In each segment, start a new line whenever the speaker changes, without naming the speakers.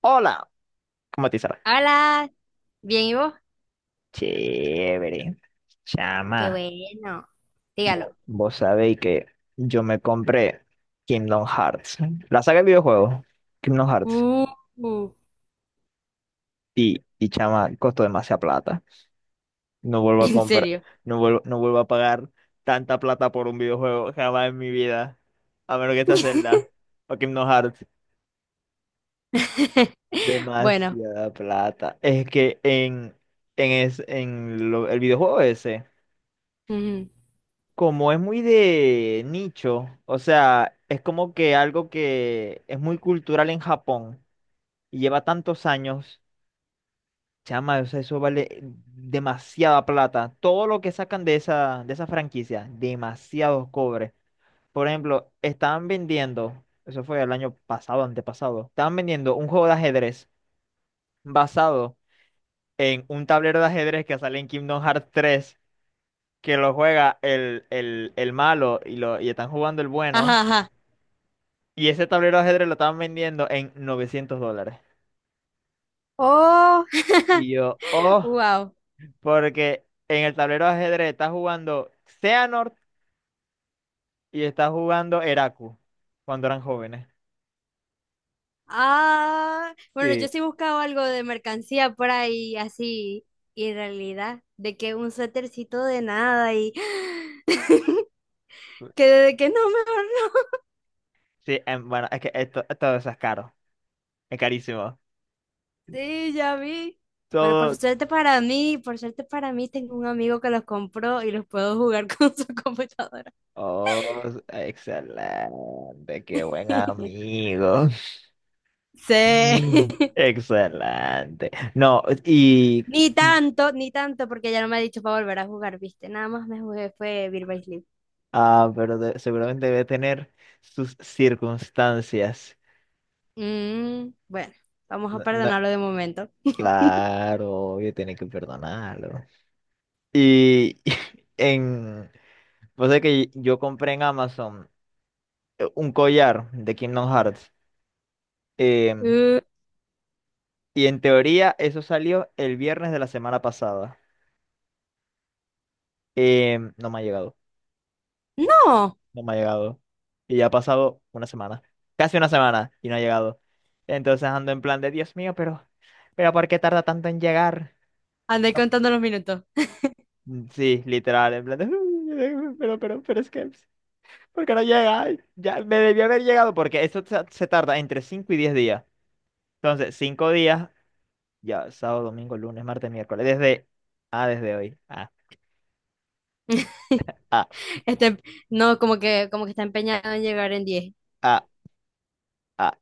Hola, ¿cómo te sale?
Hola, ¿bien y vos?
Chévere.
Qué
Chama,
bueno.
vo-
Dígalo.
vos sabéis que yo me compré Kingdom Hearts, la saga de videojuegos, Kingdom Hearts,
Uh, uh,
y chama, costó demasiada plata. No vuelvo a
en
comprar,
serio.
no vuelvo, no vuelvo a pagar tanta plata por un videojuego jamás en mi vida, a menos que esta Zelda o Kingdom Hearts.
Bueno.
Demasiada plata. Es que en el videojuego ese.
Ujú.
Como es muy de nicho, o sea, es como que algo que es muy cultural en Japón y lleva tantos años, chama, o sea, eso vale demasiada plata. Todo lo que sacan de esa de esa franquicia, demasiados cobres. Por ejemplo, estaban vendiendo, eso fue el año pasado, antepasado, estaban vendiendo un juego de ajedrez basado en un tablero de ajedrez que sale en Kingdom Hearts 3, que lo juega el malo y están jugando el bueno.
Ajá, ajá.
Y ese tablero de ajedrez lo estaban vendiendo en $900.
Oh,
Y yo, oh,
wow.
porque en el tablero de ajedrez está jugando Xehanort y está jugando Eraku cuando eran jóvenes.
Ah, bueno, yo
Sí,
sí buscaba algo de mercancía por ahí, así, y en realidad, de que un suétercito de nada y que de que no, mejor no.
sí, bueno, es que esto, todo eso es caro, es carísimo.
Sí, ya vi. Bueno, por
Todo.
suerte para mí, por suerte para mí, tengo un amigo que los compró y los puedo jugar con su computadora.
Oh, excelente, qué buen amigo.
Sí.
Mm. Excelente. No, y.
Ni tanto, ni tanto, porque ya no me ha dicho para volver a jugar, ¿viste? Nada más me jugué fue Beat by Sleep.
Ah, pero seguramente debe tener sus circunstancias.
Mm, bueno, vamos a
No- no-
perdonarlo de momento.
claro, obvio, tiene que perdonarlo. Y en, pues es que yo compré en Amazon un collar de Kingdom Hearts. em,
Uh,
y en teoría eso salió el viernes de la semana pasada. No me ha llegado,
no,
no me ha llegado. Y ya ha pasado una semana, casi una semana, y no ha llegado. Entonces ando en plan de, Dios mío, pero ¿por qué tarda tanto en llegar?
andé
No-
contando los minutos.
Sí, literal, en plan de, pero, pero es que... Porque no llega. Ay, ya me debió haber llegado porque esto se tarda entre 5 y 10 días. Entonces, 5 días, ya sábado, domingo, lunes, martes, miércoles, desde... Ah, desde hoy. Ah, ah,
Este, no, como que está empeñado en llegar en diez.
ah, ah.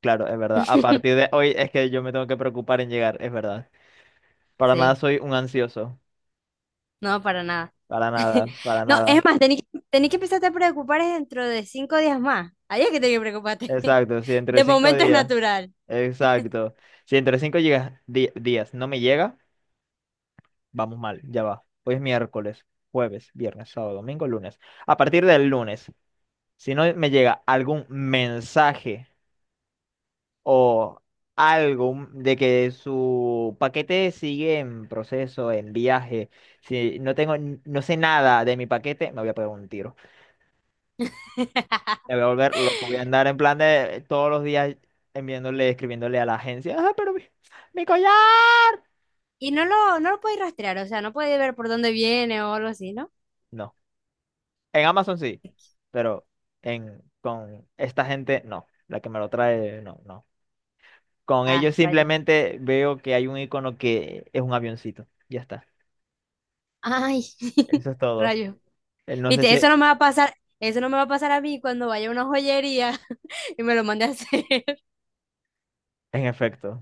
Claro, es verdad. A partir de hoy es que yo me tengo que preocupar en llegar, es verdad. Para nada
Sí.
soy un ansioso.
No, para nada.
Para nada, para
No,
nada.
es más, tenés que empezarte a preocupar es dentro de 5 días más. Ahí es que tenés que preocuparte.
Exacto, si entre
De
5
momento es
días.
natural.
Exacto. Si entre 5 llegas, días no me llega, vamos mal, ya va. Hoy es miércoles, jueves, viernes, sábado, domingo, lunes. A partir del lunes. Si no me llega algún mensaje o algo de que su paquete sigue en proceso, en viaje, si no tengo, no sé nada de mi paquete, me voy a pegar un tiro. Me voy a volver loco, voy a andar en plan de todos los días enviándole, escribiéndole a la agencia, ah, pero mi collar.
Y no lo podéis rastrear, o sea, no podéis ver por dónde viene o algo así, ¿no?
No, en Amazon sí, pero con esta gente no, la que me lo trae, no, no. Con
Ah,
ellos
rayo.
simplemente veo que hay un icono que es un avioncito. Ya está.
Ay,
Eso es todo.
rayo.
No sé
Viste, eso
si
no me va a pasar, eso no me va a pasar a mí cuando vaya a una joyería y me lo mande a hacer.
en efecto,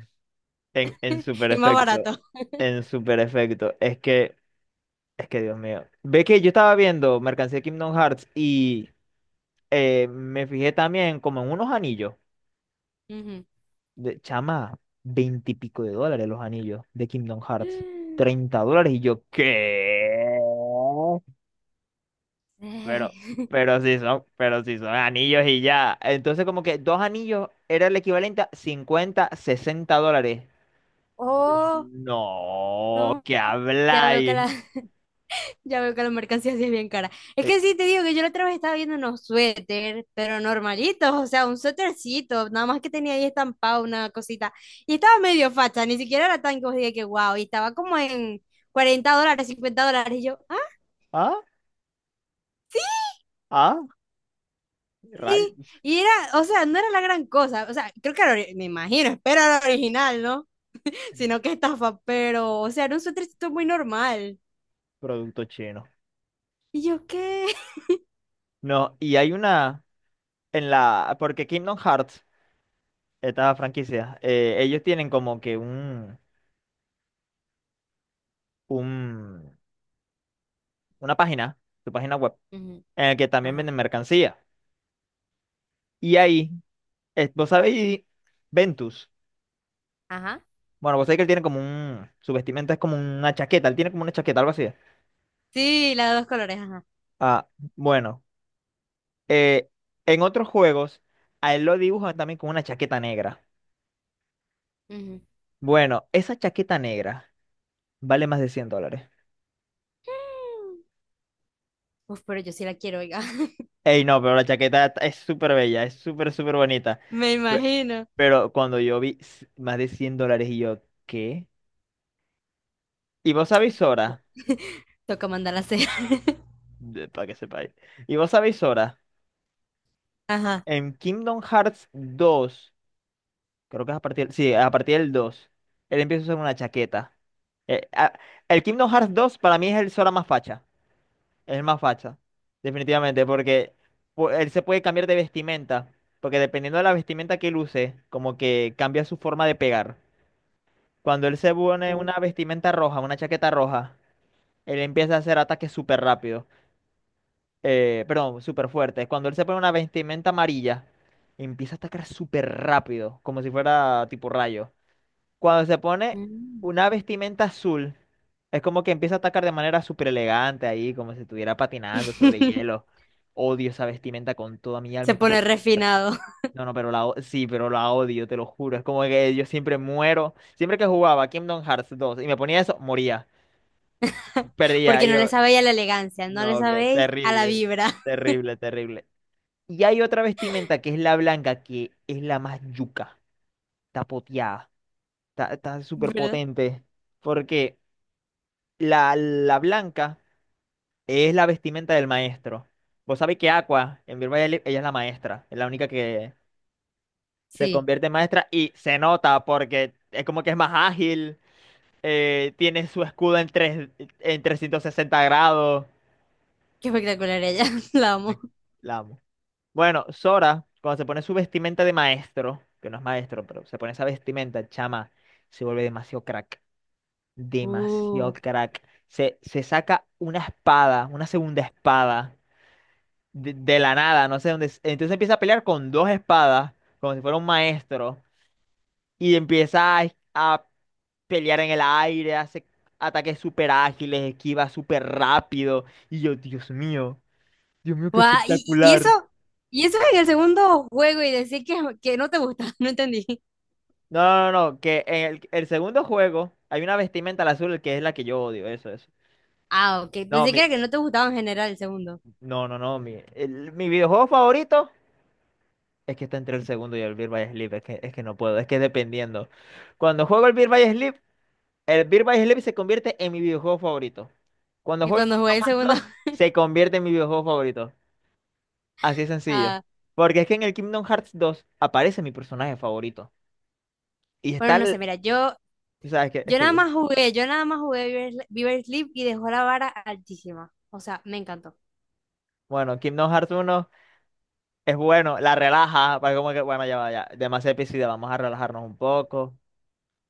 en super
Y más
efecto,
barato.
en super efecto. Es que Dios mío. Ve que yo estaba viendo mercancía de Kingdom Hearts y me fijé también como en unos anillos.
Ujú.
De, chama, veintipico de dólares los anillos de Kingdom Hearts. Treinta dólares y yo, ¿qué?
Eh,
Pero, pero sí son anillos y ya. Entonces, como que dos anillos era el equivalente a 50, $60. Y yo,
Oh,
no,
no.
¿qué
Ya veo que
habláis?
la, Ya veo que la mercancía sí es bien cara. Es
Eh,
que sí, te digo que yo la otra vez estaba viendo unos suéter, pero normalitos, o sea, un suétercito, nada más que tenía ahí estampado una cosita. Y estaba medio facha, ni siquiera era tan que os diga que wow, y estaba como en $40, $50, y yo, ah,
¿Ah? ¿Ah?
sí.
Rayos.
Y era, o sea, no era la gran cosa, o sea, creo que era, me imagino, espero era original, ¿no? Sino que estafa, pero, o sea, era un suétercito muy normal.
Producto chino.
Y yo, ¿qué?
No, y hay una en la, porque Kingdom Hearts, esta franquicia, ellos tienen como que un, una página, su página web,
Ujú.
en la que también
Ajá,
venden mercancía. Y ahí, vos sabéis, Ventus.
ajá.
Bueno, vos sabés que él tiene como un. Su vestimenta es como una chaqueta. Él tiene como una chaqueta, algo así.
Sí, la de dos colores, ajá.
Ah, bueno. eh, en otros juegos, a él lo dibujan también con una chaqueta negra.
Ujú.
Bueno, esa chaqueta negra vale más de $100.
Uf, pero yo sí la quiero, oiga.
Ey, no, pero la chaqueta es súper bella, es súper, súper bonita.
Me
Pe-
imagino.
Pero cuando yo vi más de $100 y yo, ¿qué? ¿Y vos sabéis Sora?
Toca mandarla a hacer.
Para que sepáis. ¿Y vos sabéis Sora?
Ajá.
En Kingdom Hearts 2. Creo que es a partir, sí, a partir del dos. Él empieza a usar una chaqueta. Eh, ah, el Kingdom Hearts dos para mí es el Sora más facha. Es el más facha. Definitivamente, porque él se puede cambiar de vestimenta. Porque dependiendo de la vestimenta que él use, como que cambia su forma de pegar. Cuando él se pone una vestimenta roja, una chaqueta roja, él empieza a hacer ataques súper rápidos. Perdón, súper fuertes. Cuando él se pone una vestimenta amarilla, empieza a atacar súper rápido, como si fuera tipo rayo. Cuando se pone
Mm.
una vestimenta azul, es como que empieza a atacar de manera súper elegante ahí, como si estuviera patinando sobre hielo. Odio esa vestimenta con toda mi alma.
Se pone refinado.
No, no, pero sí, pero la odio, te lo juro. Es como que yo siempre muero. Siempre que jugaba Kingdom Hearts 2 y me ponía eso, moría. Perdía.
Porque
Y
no le
yo,
sabe a la elegancia, no le
no, que
sabe a la
terrible,
vibra.
terrible, terrible. Y hay otra vestimenta que es la blanca, que es la más yuca. Está poteada, está súper
¿Verdad?
potente. Porque la blanca es la vestimenta del maestro. Vos sabés que Aqua, en Virtual ella es la maestra, es la única que se
Sí,
convierte en maestra y se nota porque es como que es más ágil, tiene su escudo en 360 grados.
qué espectacular ella. La amo.
Me- La amo. Bueno, Sora, cuando se pone su vestimenta de maestro, que no es maestro, pero se pone esa vestimenta, chama, se vuelve demasiado crack, demasiado
Uh.
crack. Se saca una espada, una segunda espada, de la nada, no sé dónde es. Entonces empieza a pelear con dos espadas, como si fuera un maestro, y empieza a pelear en el aire, hace ataques súper ágiles, esquiva súper rápido. Y yo, Dios mío, qué
Guau.
espectacular.
Y eso en el segundo juego y decir que no te gusta, no entendí.
No, no, no, no, que en el segundo juego hay una vestimenta al azul que es la que yo odio, eso, eso.
Ah, ok.
No,
Pensé que
mi,
era que no te gustaba en general el segundo.
no, no, no, mi videojuego favorito es que está entre el segundo y el Beat by Sleep, es que no puedo, es que dependiendo. Cuando juego el Beat by Sleep, el Birth by Sleep se convierte en mi videojuego favorito. Cuando
Y
juego el
cuando jugué
Kingdom
el
Hearts
segundo,
2, se convierte en mi videojuego favorito. Así de sencillo.
ah,
Porque es que en el Kingdom Hearts 2 aparece mi personaje favorito. Y
bueno,
está
no
el...
sé, mira, yo.
O sea, es que...
Yo nada más jugué Viver Sleep y dejó la vara altísima. O sea, me encantó.
Bueno, Kingdom Hearts uno es bueno, la relaja, para como que, bueno, ya va, ya, demasiado episodio, vamos a relajarnos un poco,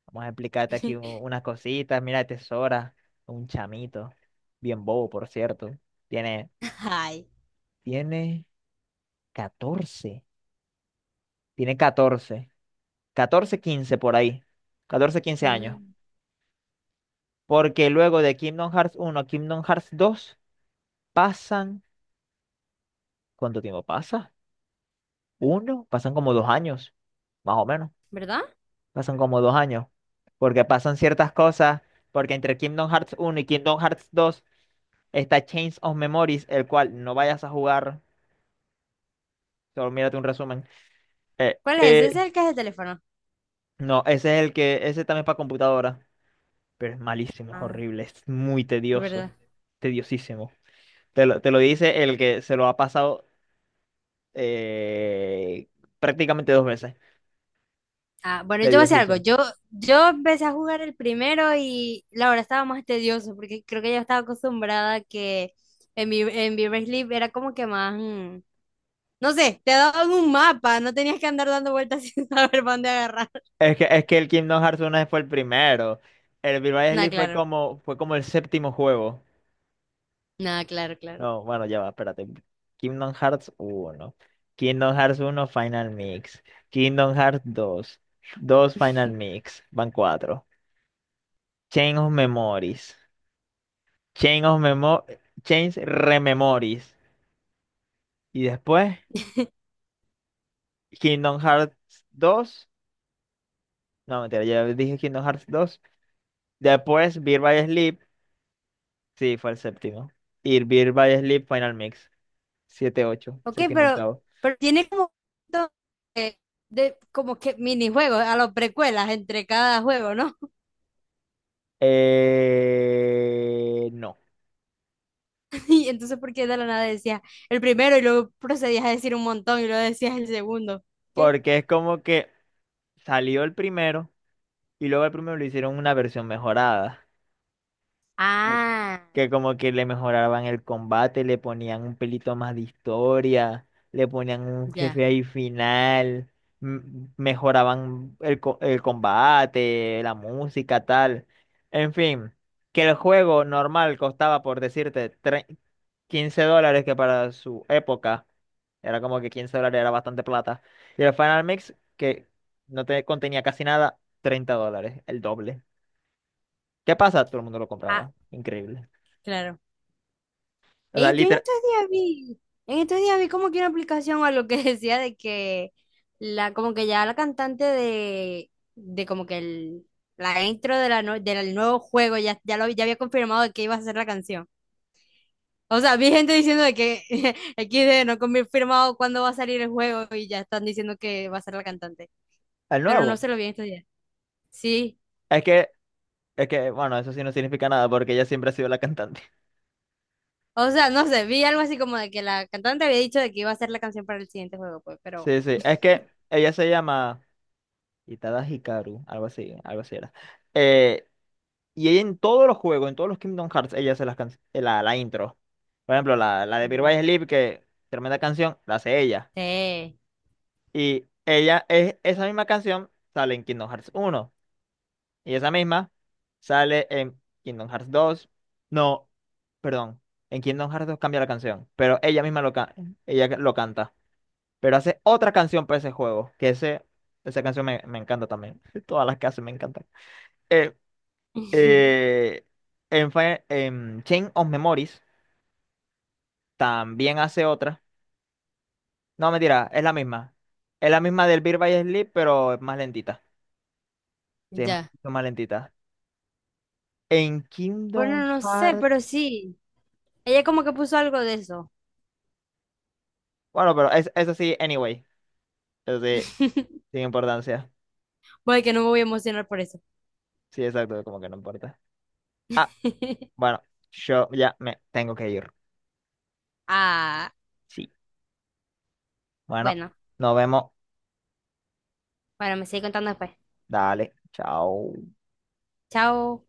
vamos a explicarte aquí unas cositas, mira, Tesora, un chamito, bien bobo, por cierto, tiene,
Ay.
tiene 14. Tiene 14. Catorce 15 por ahí. Catorce 15 años.
Mm.
Porque luego de Kingdom Hearts uno a Kingdom Hearts dos pasan... ¿Cuánto tiempo pasa? Uno, pasan como 2 años, más o menos.
¿Verdad?
Pasan como dos años. Porque pasan ciertas cosas. Porque entre Kingdom Hearts uno y Kingdom Hearts dos está Chains of Memories, el cual no vayas a jugar. Solo mírate un resumen. Eh,
¿Cuál es? Ese es
eh,
el que es de teléfono.
no, ese es el que... Ese también es para computadora. Pero es malísimo, es
Ah,
horrible, es muy
es
tedioso.
verdad.
Tediosísimo. Te lo dice el que se lo ha pasado eh, prácticamente dos veces.
Ah, bueno, yo voy a decir algo.
Tediosísimo.
Yo empecé a jugar el primero y la verdad estaba más tedioso porque creo que yo estaba acostumbrada a que en, en Viver Sleep era como que más... no sé, te daban un mapa, no tenías que andar dando vueltas sin saber para dónde agarrar.
Es que el Kingdom Hearts uno fue el primero. El Birth
Nada,
Sleep fue
claro.
como, fue como el séptimo juego.
Nada, claro, claro.
No, bueno, ya va, espérate. Kingdom Hearts uno. Kingdom Hearts uno Final Mix. Kingdom Hearts dos. 2 Final Mix. Van 4. Chain of Memories. Chain of Memo Chains Rememories. Y después Kingdom Hearts dos. No, mentira, ya dije Kingdom Hearts dos. Después, Beer by Sleep. Sí, fue el séptimo. Y Beer by Sleep Final Mix. Siete, ocho,
Ok,
séptimo, octavo.
pero tiene como, to- eh, de, como que minijuegos a los precuelas entre cada juego, ¿no?
No,
Y entonces, ¿por qué de la nada decías el primero y luego procedías a decir un montón y luego decías el segundo? ¿Qué?
porque es como que salió el primero y luego el primero le hicieron una versión mejorada,
Ah,
que como que le mejoraban el combate, le ponían un pelito más de historia, le ponían un
ya.
jefe ahí final, m- mejoraban el combate, la música, tal. En fin, que el juego normal costaba, por decirte, $15, que para su época era como que $15 era bastante plata. Y el Final Mix, que no te contenía casi nada, $30, el doble. ¿Qué pasa? Todo el mundo lo
Ah,
compraba. Increíble.
claro.
O sea,
Yo en estos días vi, en estos días vi como que una aplicación a lo que decía de que la, como que ya la cantante de, como que el, la intro de la, del nuevo juego ya, ya lo ya había confirmado de que iba a ser la canción. O sea, vi gente diciendo de que XD no confirmado cuándo va a salir el juego y ya están diciendo que va a ser la cantante.
el
Pero
nuevo.
no se lo vi en estos días. Sí.
Es que, bueno, eso sí no significa nada porque ella siempre ha sido la cantante.
O sea, no sé, vi algo así como de que la cantante había dicho de que iba a ser la canción para el siguiente juego, pues, pero.
Sí, sí. Es que ella se llama Itada Hikaru, algo así era. Eh, y ella en todos los juegos, en todos los Kingdom Hearts, ella hace la intro. Por ejemplo, la de Birth
Ya.
by Sleep, que tremenda canción, la hace ella.
Sí.
Y ella es esa misma canción, sale en Kingdom Hearts uno. Y esa misma sale en Kingdom Hearts dos. No, perdón. En Kingdom Hearts dos cambia la canción, pero ella misma, ella lo canta. Pero hace otra canción para ese juego, que esa canción me encanta también. Todas las que hace me encantan. Eh, eh, en Chain of Memories también hace otra. No, mentira, es la misma. Es la misma del Beat by Sleep, pero es más lentita. Sí, es
Ya.
mucho más lentita. En Kingdom
Bueno, no sé, pero
Hearts...
sí. Ella como que puso algo de eso.
Bueno, pero eso sí, anyway. Eso sí, sin importancia.
Voy que no me voy a emocionar por eso.
Sí, exacto, como que no importa. Ah, bueno, yo ya me tengo que ir.
Ah,
Sí. Bueno,
bueno.
nos vemos.
Bueno, me sigue contando después.
Dale, chao.
Chao.